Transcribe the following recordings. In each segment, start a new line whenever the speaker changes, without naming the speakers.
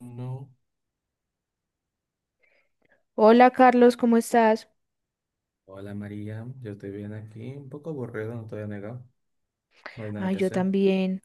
No.
Hola Carlos, ¿cómo estás?
Hola María, yo estoy bien aquí, un poco aburrido, no te voy a negar, no hay nada
Ah,
que
yo
hacer.
también.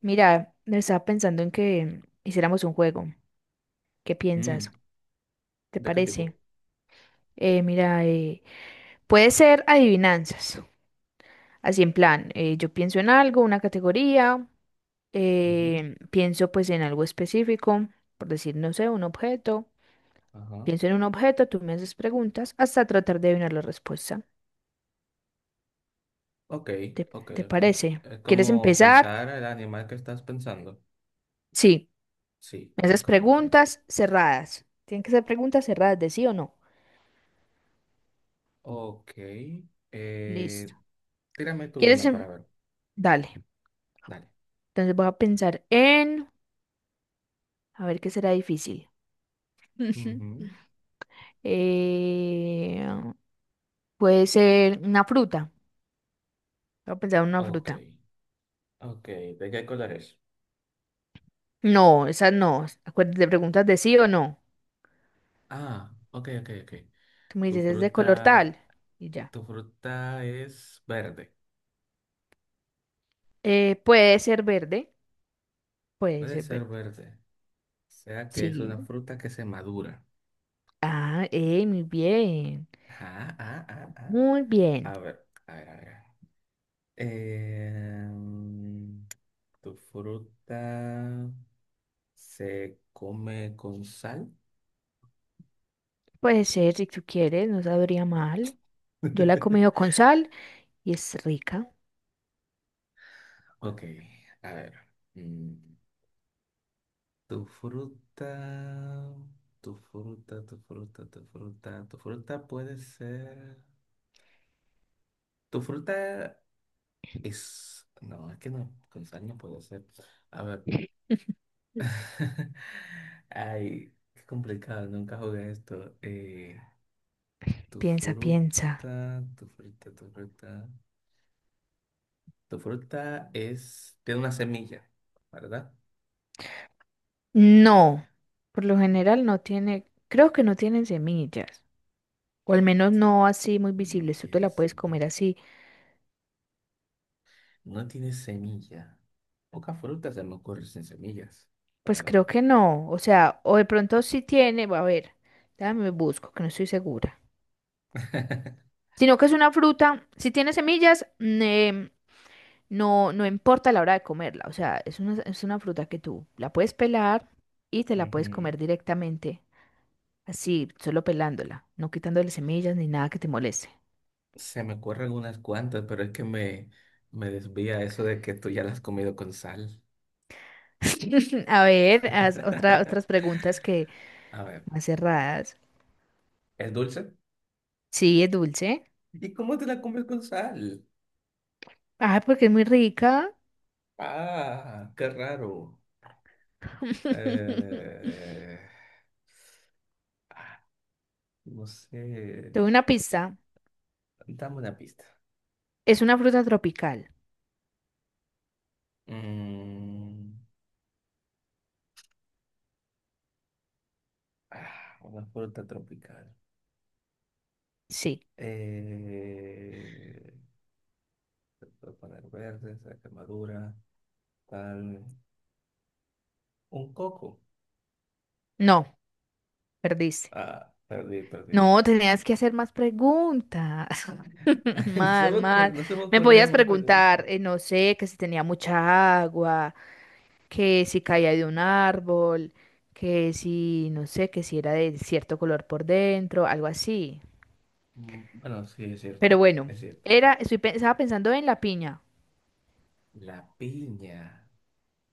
Mira, estaba pensando en que hiciéramos un juego. ¿Qué
Mm,
piensas? ¿Te
¿De qué tipo?
parece? Mira, puede ser adivinanzas. Así en plan, yo pienso en algo, una categoría,
Ujú.
pienso pues en algo específico, por decir, no sé, un objeto.
Ajá.
Pienso en un objeto, tú me haces preguntas hasta tratar de adivinar la respuesta.
Ok,
¿Te,
ok,
te
ok.
parece?
Es
¿Quieres
como
empezar?
pensar el animal que estás pensando.
Sí.
Sí,
Me haces
ok, ok.
preguntas cerradas. Tienen que ser preguntas cerradas de sí o no.
Ok, eh,
Listo.
tírame tú
¿Quieres?
una para ver.
Dale.
Dale.
Entonces voy a pensar en... A ver qué será difícil.
Ujú.
Eh, Puede ser una fruta. Voy a pensar en una
Ok,
fruta.
ok. ¿De qué color es?
No, esa no. Acuérdate de preguntas de sí o no.
Ah, ok, ok, ok.
Tú me
Tu
dices, es de
fruta,
color tal. Y ya.
tu fruta es verde.
Puede ser verde. Puede
Puede
ser
ser
verde.
verde. Sea que es una
Sí.
fruta que se madura.
Ah, muy bien.
Ah, ah, ah, ah.
Muy bien.
A ver, a ver, a ver. Em, ¿Tu fruta se come con sal?
Puede ser, si tú quieres, no sabría mal. Yo la he comido con sal y es rica.
Ok, a ver. mm, ¿Tu fruta, tu fruta puede ser. Tu fruta es. No, es que no, con sal no puede ser. A ver. Ay, qué complicado, nunca jugué esto. Tu
Piensa, piensa.
fruta, tu fruta, tu fruta. Tu fruta es, tiene una semilla, ¿verdad?
No, por lo general no tiene, creo que no tienen semillas, o al menos no así muy
No
visibles, tú te
tiene
la puedes comer
semilla.
así.
No tiene semilla. Poca fruta se me ocurre sin semillas, la
Pues
verdad.
creo que no, o sea, o de pronto sí tiene, va a ver, déjame busco, que no estoy segura. Sino que es una fruta, si tiene semillas, no, no importa la hora de comerla, o sea, es una fruta que tú la puedes pelar y te la puedes
Ujú.
comer directamente, así, solo pelándola, no quitándole semillas ni nada que te moleste.
Se me ocurren unas cuantas, pero es que me desvía eso de que tú ya las has comido con sal.
A ver, haz otras preguntas que
A ver,
más cerradas.
¿es dulce?
Sí, es dulce.
¿Y cómo te la comes con sal?
Ah, porque es muy rica.
Ah, qué raro. Eh, ah, no sé.
Tuve una pista.
Dame una pista.
Es una fruta tropical.
Mm, ah, una fruta tropical.
Sí.
Eh, se puede poner verde, se quemadura, tal. Un coco.
No, perdiste.
Ah, perdí, perdí.
No, tenías que hacer más preguntas.
No se
Más,
me ocurre-
más.
no se me
Me
ocurría
podías
más pregunta.
preguntar, no sé, que si tenía mucha agua, que si caía de un árbol, que si, no sé, que si era de cierto color por dentro, algo así.
Bueno, sí, es cierto.
Pero bueno,
Es cierto.
estaba pensando en la piña.
La piña.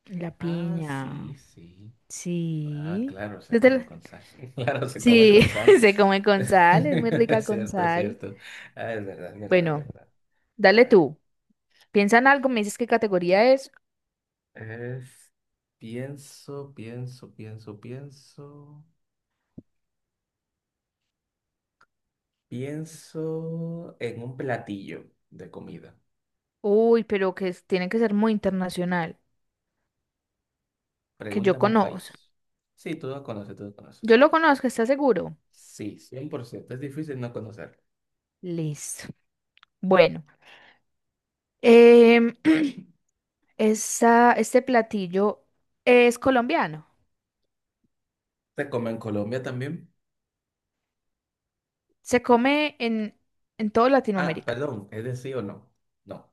La
Ah, sí,
piña.
sí. Ah,
Sí.
claro, se
¿No te
come
la-
con sal. Claro, se come
Sí,
con sal.
se come con sal, es muy rica
Es
con
cierto, es
sal.
cierto. Ah, es verdad, es verdad, es
Bueno,
verdad. A
dale
ver,
tú. Piensa en algo, me dices qué categoría es.
es. Pienso, pienso, pienso, pienso. Pienso en un platillo de comida.
Uy, pero tiene que ser muy internacional que yo
Pregúntame un
conozco.
país. Sí, tú lo conoces, tú lo
Yo
conoces.
lo conozco, ¿está seguro?
Sí, 100%. Es difícil no conocer.
Listo. Bueno, em, este platillo es colombiano.
¿Se come en Colombia también?
Se come en, toda
Ah,
Latinoamérica.
perdón, ¿es de sí o no? No.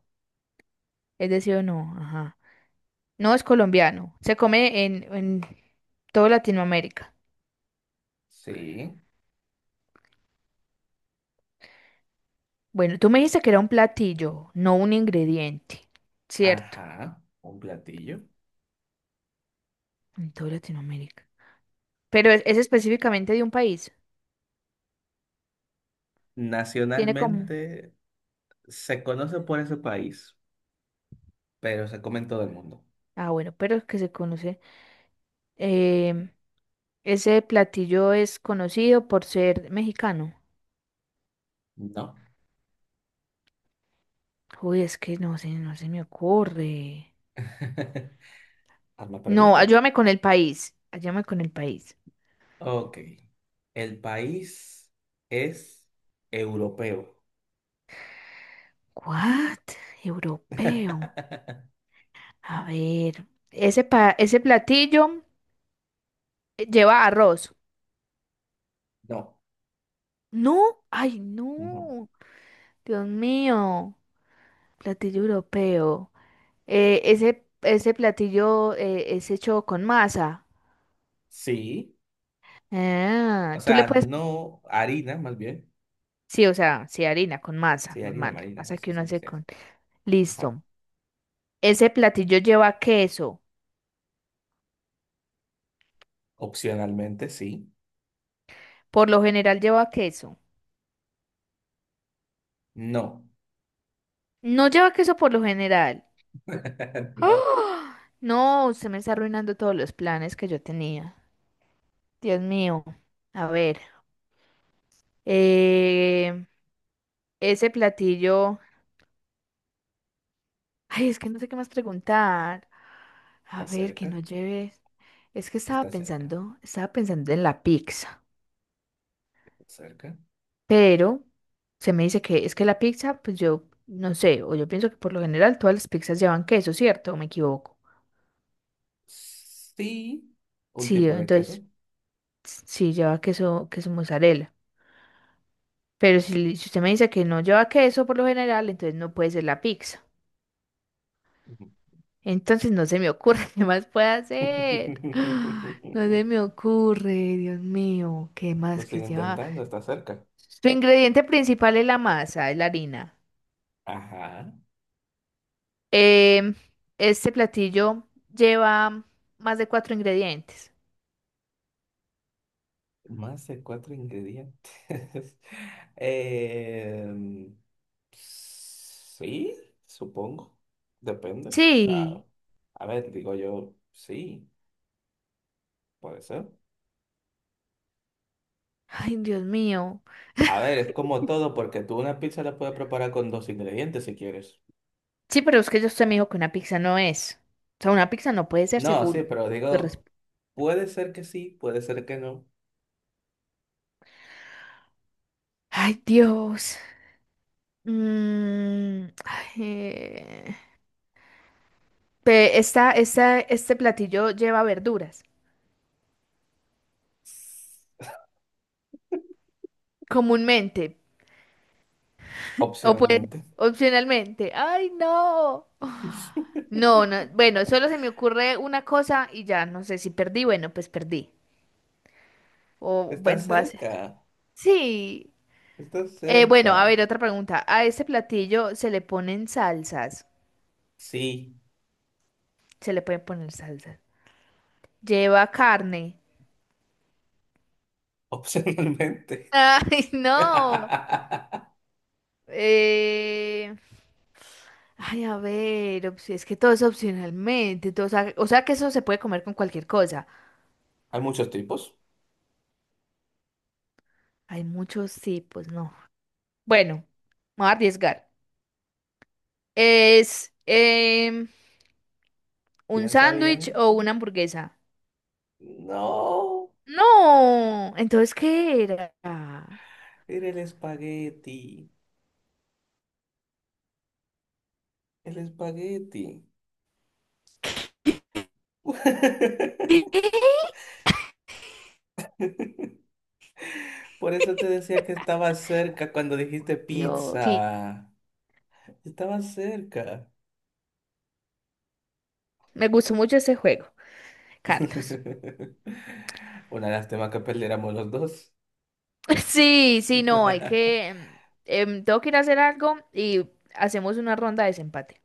Es decir, no, ajá. No es colombiano. Se come en toda Latinoamérica.
Sí.
Bueno, tú me dijiste que era un platillo, no un ingrediente. Cierto.
Ajá, un platillo.
En toda Latinoamérica. Pero es específicamente de un país. Tiene como.
Nacionalmente se conoce por ese país, pero se come en todo el mundo.
Ah, bueno, pero es que se conoce. Em, Ese platillo es conocido por ser mexicano.
No.
Uy, es que no sé, no se me ocurre.
Hazme
No,
pregunta.
ayúdame con el país. Ayúdame con el país.
Ok. ¿El país es europeo?
What? Europeo. A ver, ese platillo lleva arroz.
No,
No, ay,
no.
no. Dios mío. Platillo europeo. Ese platillo es hecho con masa.
Sí.
Ah,
O
tú le
sea,
puedes.
no harina, más bien.
Sí, o sea, sí, harina con masa,
Sí, harina
normal, la
marina, o
masa que
sea,
uno
sí, sí,
hace
sí.
con...
Ajá.
Listo. Ese platillo lleva queso.
Opcionalmente, sí.
Por lo general lleva queso.
No.
No lleva queso por lo general.
No.
¡Ah! No, usted me está arruinando todos los planes que yo tenía. Dios mío. A ver. eh, Ese platillo... Ay, es que no sé qué más preguntar. A
Está
ver, que
cerca.
no lleve... Es que estaba
Está cerca.
pensando, estaba pensando en la pizza.
Está cerca.
Pero se me dice que es que la pizza, pues yo no sé, o yo pienso que por lo general todas las pizzas llevan queso, ¿cierto? ¿O me equivoco?
Sí. Un
Sí,
tipo de queso.
entonces sí lleva queso, queso mozzarella. Pero si usted me dice que no lleva queso por lo general, entonces no puede ser la pizza. Entonces no se me ocurre qué más puede hacer. No se me ocurre, Dios mío, ¿qué
Lo
más que
sigo
lleva?
intentando, está cerca.
Su ingrediente principal es la masa, es la harina.
Ajá.
Em, este platillo lleva más de cuatro ingredientes.
Más de cuatro ingredientes. Em, sí, supongo. Depende. O sea,
Sí.
a ver, digo yo, sí, puede ser.
Ay, Dios mío.
A ver, es como todo, porque tú una pizza la puedes preparar con dos ingredientes si quieres.
Sí, pero es que yo usted me dijo que una pizza no es. O sea, una pizza no puede ser
No, sí,
según
pero
tu resp-
digo, puede ser que sí, puede ser que no.
Ay, Dios. Ay, este platillo lleva verduras. Comúnmente. O puede,
Opcionalmente.
opcionalmente. Ay, no. No, no. Bueno, solo se me ocurre una cosa y ya no sé si perdí. Bueno, pues perdí. O
Está
bueno, voy a hacer.
cerca.
Sí.
Estás
Bueno,
cerca.
a ver, otra pregunta. A este platillo se le ponen salsas.
Sí,
Se le pueden poner salsas. Lleva carne.
opcionalmente.
Ay,
Hay
no. Eh... Ay, a ver, es que todo es opcionalmente. Todo, o sea, que eso se puede comer con cualquier cosa.
muchos tipos.
Hay muchos tipos, no. Bueno, me voy a arriesgar. ¿Es un
Piensa
sándwich
bien.
o una hamburguesa?
No,
No. Entonces, ¿qué era?
era el espagueti. El espagueti. Por eso te decía que estaba cerca cuando dijiste
Dios. Sí,
pizza. Estaba cerca.
me gustó mucho ese juego, Carlos.
Una lástima que perdiéramos los dos.
Sí, sí, no, hay que... tengo que ir a hacer algo y hacemos una ronda de desempate.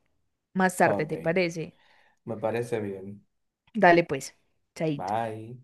Más tarde,
Ok,
¿te parece?
me parece bien.
Dale pues, chaito.
Bye.